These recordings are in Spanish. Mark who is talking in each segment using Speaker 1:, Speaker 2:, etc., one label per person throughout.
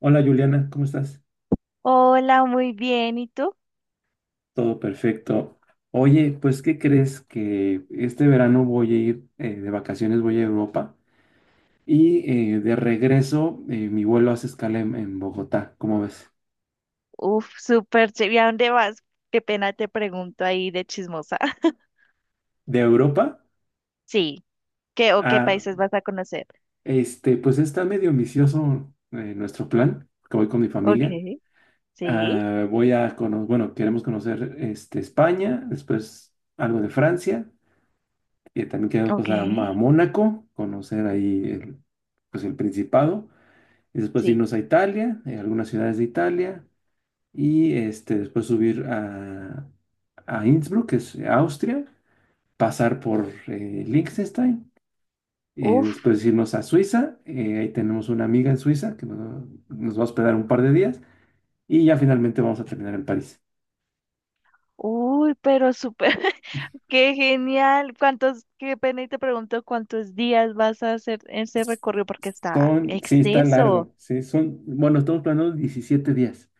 Speaker 1: Hola Juliana, ¿cómo estás?
Speaker 2: Hola, muy bien. ¿Y tú?
Speaker 1: Todo perfecto. Oye, pues ¿qué crees que este verano voy a ir de vacaciones, voy a Europa y de regreso, mi vuelo hace escala en Bogotá, ¿cómo ves?
Speaker 2: Uf, súper chévere. ¿Y a dónde vas? Qué pena te pregunto ahí de chismosa.
Speaker 1: De Europa
Speaker 2: Sí. ¿Qué o qué
Speaker 1: a,
Speaker 2: países vas a conocer?
Speaker 1: este, pues está medio ambicioso, nuestro plan, que voy con mi
Speaker 2: Ok.
Speaker 1: familia.
Speaker 2: Sí.
Speaker 1: Ah, voy a conocer, bueno, queremos conocer este, España, después algo de Francia, y también queremos
Speaker 2: Ok.
Speaker 1: pasar a Mónaco, conocer ahí pues el Principado. Y después
Speaker 2: Sí.
Speaker 1: irnos a Italia, algunas ciudades de Italia, y este, después subir a Innsbruck, que es Austria, pasar por Liechtenstein,
Speaker 2: Uf,
Speaker 1: después irnos a Suiza. Ahí tenemos una amiga en Suiza que nos va a hospedar un par de días, y ya finalmente vamos a terminar en París.
Speaker 2: uy, pero súper. Qué genial. Qué pena y te pregunto, cuántos días vas a hacer ese recorrido porque está
Speaker 1: Son, sí, está
Speaker 2: extenso.
Speaker 1: largo, sí, son, bueno, estamos planeando 17 días.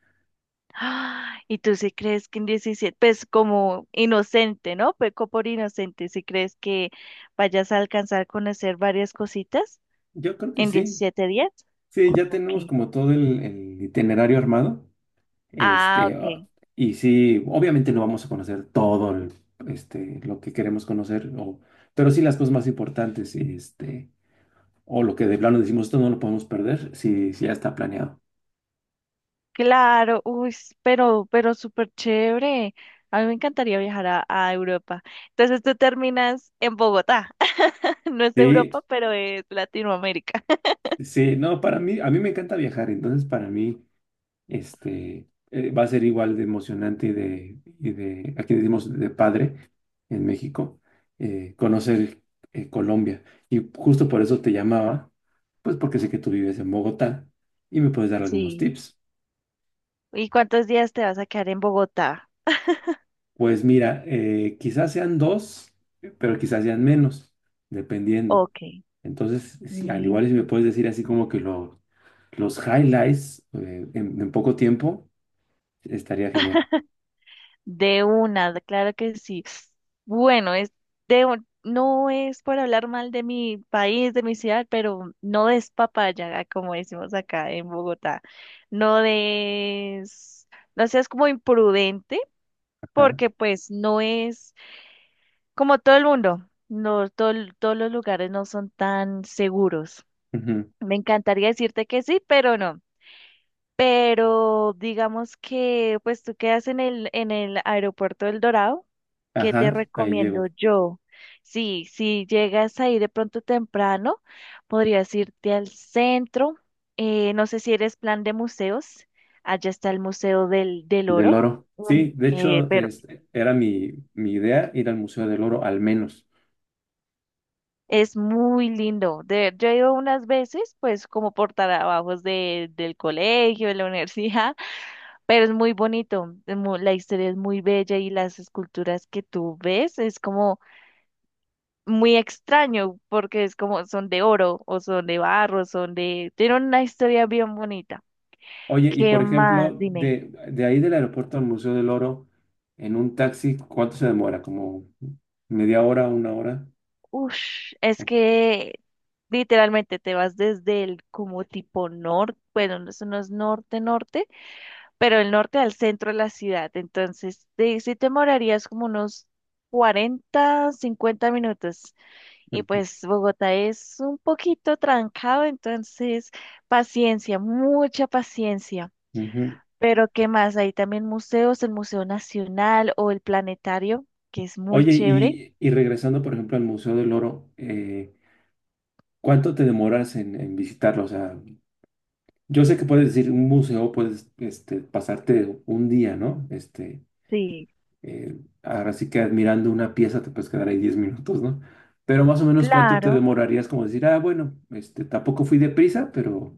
Speaker 2: Ah, y tú sí crees que en 17, pues como inocente, ¿no? Peco por inocente, si crees que vayas a alcanzar a conocer varias cositas
Speaker 1: Yo creo que
Speaker 2: en
Speaker 1: sí,
Speaker 2: 17 días.
Speaker 1: sí, ya
Speaker 2: Ok.
Speaker 1: tenemos como todo el itinerario armado.
Speaker 2: Ah,
Speaker 1: Este, ah,
Speaker 2: ok.
Speaker 1: y sí, obviamente no vamos a conocer este, lo que queremos conocer, pero sí las cosas más importantes, este, o lo que de plano decimos, esto no lo podemos perder, si ya está planeado.
Speaker 2: Claro, uy, pero súper chévere. A mí me encantaría viajar a Europa. Entonces tú terminas en Bogotá. No es
Speaker 1: Sí,
Speaker 2: Europa, pero es Latinoamérica.
Speaker 1: sí, no, para mí, a mí me encanta viajar, entonces para mí. Este, va a ser igual de emocionante y de, aquí decimos de padre en México, conocer Colombia. Y justo por eso te llamaba, pues porque sé que tú vives en Bogotá y me puedes dar algunos
Speaker 2: Sí.
Speaker 1: tips.
Speaker 2: ¿Y cuántos días te vas a quedar en Bogotá?
Speaker 1: Pues mira, quizás sean dos, pero quizás sean menos, dependiendo.
Speaker 2: Ok.
Speaker 1: Entonces, al igual si me puedes decir así como que los highlights, en poco tiempo, estaría genial.
Speaker 2: De una, claro que sí. Bueno, no es por hablar mal de mi país, de mi ciudad, pero no des papaya, ah, como decimos acá en Bogotá. No des, no seas como imprudente,
Speaker 1: Ajá.
Speaker 2: porque pues no es como todo el mundo. No, todos los lugares no son tan seguros.
Speaker 1: Ujú.
Speaker 2: Me encantaría decirte que sí, pero no. Pero digamos que pues tú quedas en el aeropuerto del Dorado. ¿Qué te
Speaker 1: Ajá, ahí
Speaker 2: recomiendo
Speaker 1: llego.
Speaker 2: yo? Sí, si llegas ahí de pronto temprano, podrías irte al centro. No sé si eres plan de museos. Allá está el Museo del
Speaker 1: Del
Speaker 2: Oro.
Speaker 1: oro. Sí,
Speaker 2: un-
Speaker 1: de
Speaker 2: eh,
Speaker 1: hecho,
Speaker 2: pero
Speaker 1: era mi idea ir al Museo del Oro al menos.
Speaker 2: es muy lindo. Yo he ido unas veces, pues como por trabajos del colegio, de la universidad. Pero es muy bonito, la historia es muy bella, y las esculturas que tú ves es como muy extraño porque es como son de oro o son de barro, tienen una historia bien bonita.
Speaker 1: Oye, y
Speaker 2: ¿Qué
Speaker 1: por
Speaker 2: más?
Speaker 1: ejemplo,
Speaker 2: Dime.
Speaker 1: de ahí del aeropuerto al Museo del Oro, en un taxi, ¿cuánto se demora? ¿Como media hora, una hora?
Speaker 2: Ush, es
Speaker 1: O-
Speaker 2: que literalmente te vas desde el como tipo norte, bueno, no, eso no es norte, norte, pero el norte al centro de la ciudad. Entonces, sí te demorarías como unos 40, 50 minutos. Y
Speaker 1: Ujú,
Speaker 2: pues Bogotá es un poquito trancado, entonces paciencia, mucha paciencia.
Speaker 1: ujú.
Speaker 2: Pero ¿qué más? Hay también museos, el Museo Nacional o el Planetario, que es muy
Speaker 1: Oye,
Speaker 2: chévere.
Speaker 1: y regresando, por ejemplo, al Museo del Oro, ¿cuánto te demoras en visitarlo? O sea, yo sé que puedes decir un museo, puedes este, pasarte un día, ¿no? Este,
Speaker 2: Sí,
Speaker 1: ahora sí que admirando una pieza te puedes quedar ahí 10 minutos, ¿no? Pero más o menos cuánto te
Speaker 2: claro.
Speaker 1: demorarías como decir, ah, bueno, este, tampoco fui deprisa, pero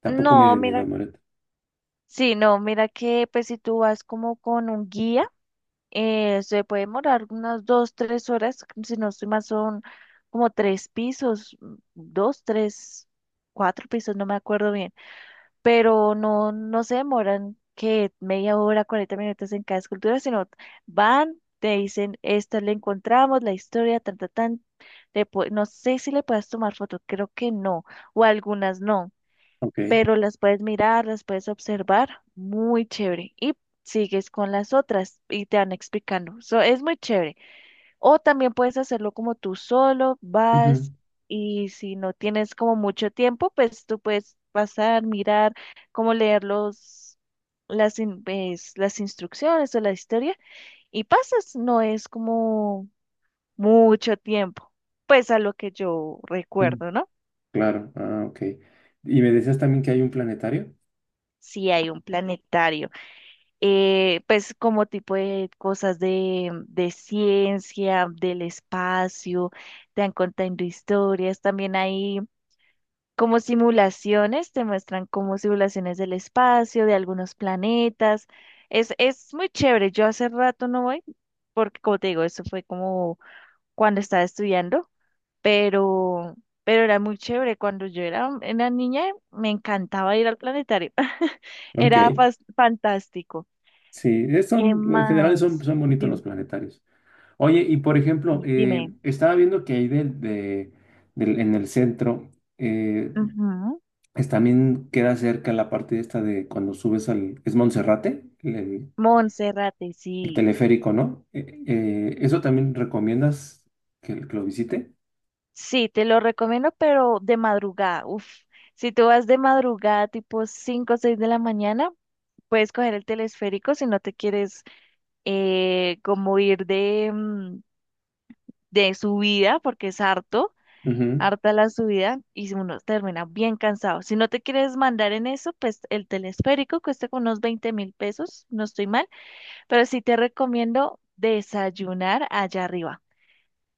Speaker 1: tampoco
Speaker 2: No,
Speaker 1: me
Speaker 2: mira,
Speaker 1: demoré.
Speaker 2: sí, no, mira que pues si tú vas como con un guía, se puede demorar unas 2, 3 horas. Si no estoy mal, son como 3 pisos, 2, 3, 4 pisos, no me acuerdo bien. Pero no se demoran que media hora, 40 minutos en cada escultura, sino van, te dicen, esta la encontramos, la historia, tan, tan, tan. No sé si le puedes tomar fotos, creo que no, o algunas no,
Speaker 1: Ok.
Speaker 2: pero las puedes mirar, las puedes observar, muy chévere. Y sigues con las otras y te van explicando. So, es muy chévere. O también puedes hacerlo como tú solo, vas,
Speaker 1: Ujú,
Speaker 2: y si no tienes como mucho tiempo, pues tú puedes pasar, mirar, cómo leer pues, las instrucciones o la historia, y pasas. No es como mucho tiempo, pues a lo que yo
Speaker 1: ujú,
Speaker 2: recuerdo, ¿no?
Speaker 1: claro, ah, ok. Y me decías también que hay un planetario.
Speaker 2: Si hay un planetario, pues como tipo de cosas de ciencia, del espacio, te han contando historias. También hay como simulaciones, te muestran como simulaciones del espacio, de algunos planetas. Es muy chévere. Yo hace rato no voy, porque como te digo, eso fue como cuando estaba estudiando, pero, pero era muy chévere. Cuando yo era una niña, me encantaba ir al planetario.
Speaker 1: Ok,
Speaker 2: Era fantástico.
Speaker 1: sí,
Speaker 2: ¿Qué
Speaker 1: son, en general son,
Speaker 2: más?
Speaker 1: son bonitos los
Speaker 2: Dime,
Speaker 1: planetarios. Oye, y por ejemplo,
Speaker 2: sí, dime.
Speaker 1: estaba viendo que ahí en el centro, eh,
Speaker 2: Ujú.
Speaker 1: también queda cerca la parte esta de cuando subes al... Es Monserrate,
Speaker 2: Monserrate, sí.
Speaker 1: teleférico, ¿no? ¿Eso también recomiendas que lo visite?
Speaker 2: Sí, te lo recomiendo, pero de madrugada. Uf, si tú vas de madrugada, tipo 5 o 6 de la mañana, puedes coger el telesférico si no te quieres, como ir de, de subida, porque es harto,
Speaker 1: Ujú,
Speaker 2: harta la subida, y si uno termina bien cansado. Si no te quieres mandar en eso, pues el telesférico cuesta como unos 20.000 pesos, no estoy mal, pero sí te recomiendo desayunar allá arriba.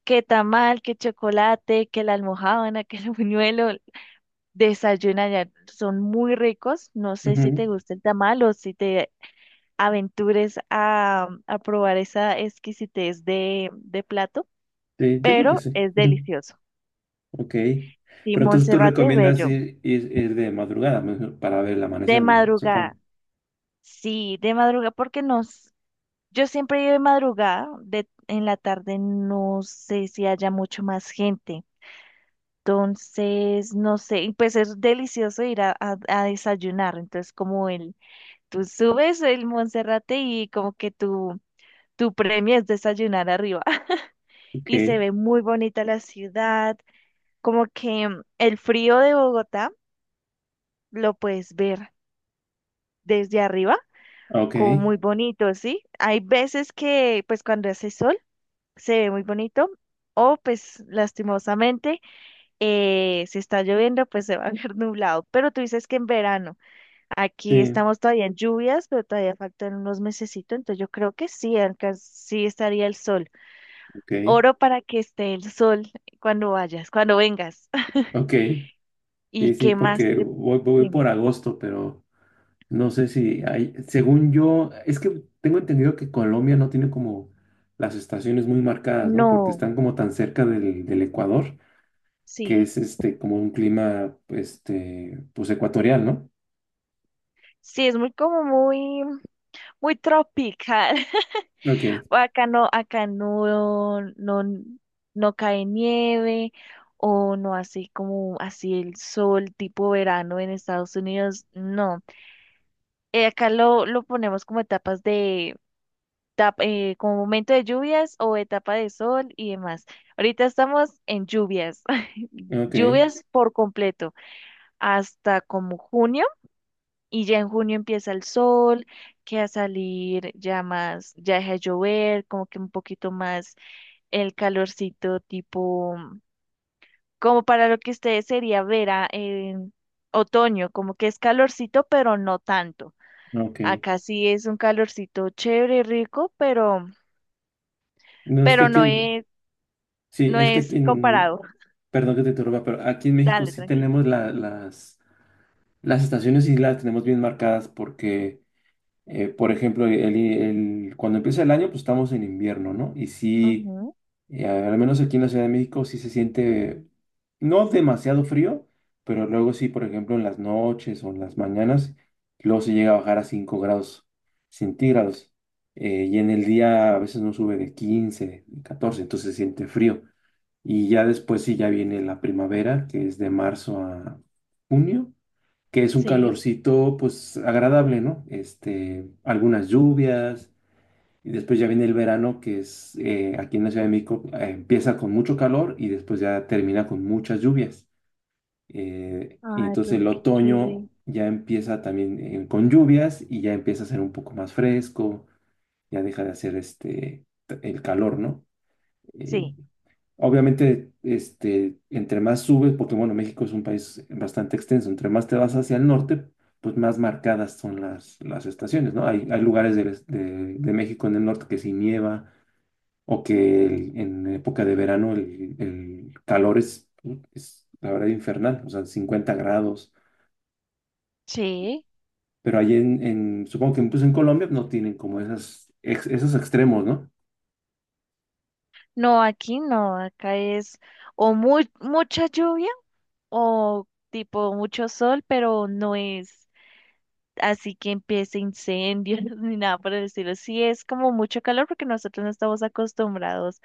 Speaker 2: Que tamal, que chocolate, que la almojábana, que el buñuelo. Desayuna ya, son muy ricos. No sé si
Speaker 1: ujú.
Speaker 2: te gusta el tamal o si te aventures a probar esa exquisitez de plato,
Speaker 1: Sí, yo creo que
Speaker 2: pero
Speaker 1: sí.
Speaker 2: es
Speaker 1: Ujú.
Speaker 2: delicioso.
Speaker 1: Ok.
Speaker 2: Sí,
Speaker 1: Pero entonces tú
Speaker 2: Monserrate
Speaker 1: recomiendas
Speaker 2: bello,
Speaker 1: ir de madrugada, para ver el
Speaker 2: de
Speaker 1: amanecer, me
Speaker 2: madrugada.
Speaker 1: supongo.
Speaker 2: Sí, de madrugada, porque yo siempre iba de madrugada, en la tarde no sé si haya mucho más gente. Entonces, no sé, y pues es delicioso ir a desayunar. Entonces, como el tú subes el Monserrate y como que tu premio es desayunar arriba. Y
Speaker 1: Ok,
Speaker 2: se ve muy bonita la ciudad, como que el frío de Bogotá lo puedes ver desde arriba,
Speaker 1: ok,
Speaker 2: como muy bonito, ¿sí? Hay veces que pues cuando hace sol se ve muy bonito. O pues lastimosamente, si está lloviendo, pues se va a ver nublado. Pero tú dices que en verano. Aquí
Speaker 1: sí,
Speaker 2: estamos todavía en lluvias, pero todavía faltan unos mesecitos, entonces yo creo que sí, acá sí estaría el sol.
Speaker 1: ok,
Speaker 2: Oro para que esté el sol cuando vayas, cuando vengas.
Speaker 1: ok.
Speaker 2: ¿Y
Speaker 1: Sí, sí,
Speaker 2: qué más?
Speaker 1: porque
Speaker 2: te-
Speaker 1: voy por
Speaker 2: Dime.
Speaker 1: agosto, pero no sé si hay, según yo, es que tengo entendido que Colombia no tiene como las estaciones muy marcadas, ¿no? Porque
Speaker 2: No,
Speaker 1: están como tan cerca del Ecuador, que
Speaker 2: sí.
Speaker 1: es este como un clima, este, pues ecuatorial, ¿no?
Speaker 2: Sí, es muy como muy, muy tropical.
Speaker 1: Ok,
Speaker 2: O acá no, acá no, no cae nieve, o no así como así el sol tipo verano en Estados Unidos, no. Acá lo ponemos como etapas de como momento de lluvias o etapa de sol y demás. Ahorita estamos en lluvias,
Speaker 1: ok,
Speaker 2: lluvias por completo, hasta como junio, y ya en junio empieza el sol, que a salir ya más, ya deja de llover, como que un poquito más el calorcito tipo, como para lo que ustedes sería otoño, como que es calorcito, pero no tanto.
Speaker 1: ok.
Speaker 2: Acá sí es un calorcito chévere, rico, pero...
Speaker 1: No, es que
Speaker 2: Pero
Speaker 1: aquí
Speaker 2: no
Speaker 1: en,
Speaker 2: es...
Speaker 1: sí,
Speaker 2: No
Speaker 1: es que
Speaker 2: es
Speaker 1: aquí en,
Speaker 2: comparado.
Speaker 1: perdón que te interrumpa, pero aquí en México
Speaker 2: Dale,
Speaker 1: sí
Speaker 2: tranqui.
Speaker 1: tenemos las estaciones y las tenemos bien marcadas porque... Por ejemplo, cuando empieza el año, pues estamos en invierno, ¿no? Y sí,
Speaker 2: Ujú.
Speaker 1: al menos aquí en la Ciudad de México sí se siente no demasiado frío, pero luego sí, por ejemplo, en las noches o en las mañanas, luego se llega a bajar a 5 grados centígrados. Y en el día a veces no sube de 15, 14, entonces se siente frío. Y ya después sí, ya viene la primavera, que es de marzo a junio, que es un
Speaker 2: Sí.
Speaker 1: calorcito pues agradable, ¿no? Este, algunas lluvias, y después ya viene el verano, que es, aquí en la Ciudad de México, empieza con mucho calor y después ya termina con muchas lluvias. Y
Speaker 2: Ay,
Speaker 1: entonces
Speaker 2: pero
Speaker 1: el
Speaker 2: qué
Speaker 1: otoño
Speaker 2: chévere.
Speaker 1: ya empieza también, con lluvias, y ya empieza a ser un poco más fresco, ya deja de hacer el calor, ¿no? Eh,
Speaker 2: Sí,
Speaker 1: Obviamente, este, entre más subes, porque bueno, México es un país bastante extenso, entre más te vas hacia el norte, pues más marcadas son las estaciones, ¿no? Hay lugares de México en el norte que sí nieva o que en época de verano el calor es, la verdad, infernal, o sea, 50 grados,
Speaker 2: sí.
Speaker 1: pero ahí en, supongo que incluso en Colombia no tienen como esos extremos, ¿no?
Speaker 2: No, aquí no, acá es o muy, mucha lluvia o tipo mucho sol, pero no es así que empiece incendios ni nada por el estilo. Sí, es como mucho calor porque nosotros no estamos acostumbrados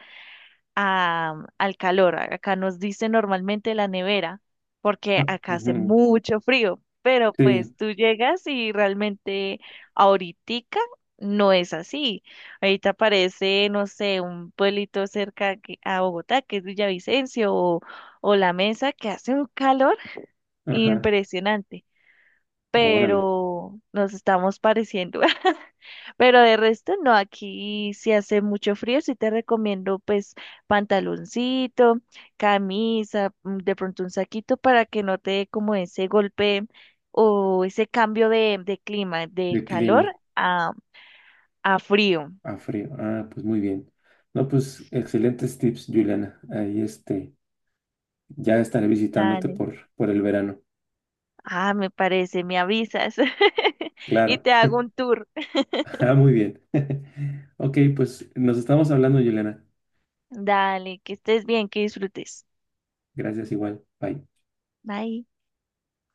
Speaker 2: al calor. Acá nos dice normalmente la nevera, porque
Speaker 1: Ah,
Speaker 2: acá hace
Speaker 1: ujú,
Speaker 2: mucho frío, pero pues
Speaker 1: sí,
Speaker 2: tú llegas y realmente ahoritica no es así. Ahorita aparece, no sé, un pueblito cerca a Bogotá, que es Villavicencio, o La Mesa, que hace un calor
Speaker 1: ajá,
Speaker 2: impresionante,
Speaker 1: órale,
Speaker 2: pero nos estamos pareciendo. Pero de resto no, aquí si hace mucho frío, sí te recomiendo pues pantaloncito, camisa, de pronto un saquito para que no te dé como ese golpe o ese cambio de clima, de
Speaker 1: de
Speaker 2: calor
Speaker 1: clima.
Speaker 2: a, a frío.
Speaker 1: A frío. Ah, pues muy bien. No, pues excelentes tips, Juliana. Ahí este, ya estaré visitándote
Speaker 2: Dale.
Speaker 1: por, el verano.
Speaker 2: Ah, me parece, me avisas. Y
Speaker 1: Claro.
Speaker 2: te hago un tour.
Speaker 1: Ah, muy bien. Ok, pues nos estamos hablando, Juliana.
Speaker 2: Dale, que estés bien, que disfrutes.
Speaker 1: Gracias igual. Bye.
Speaker 2: Bye.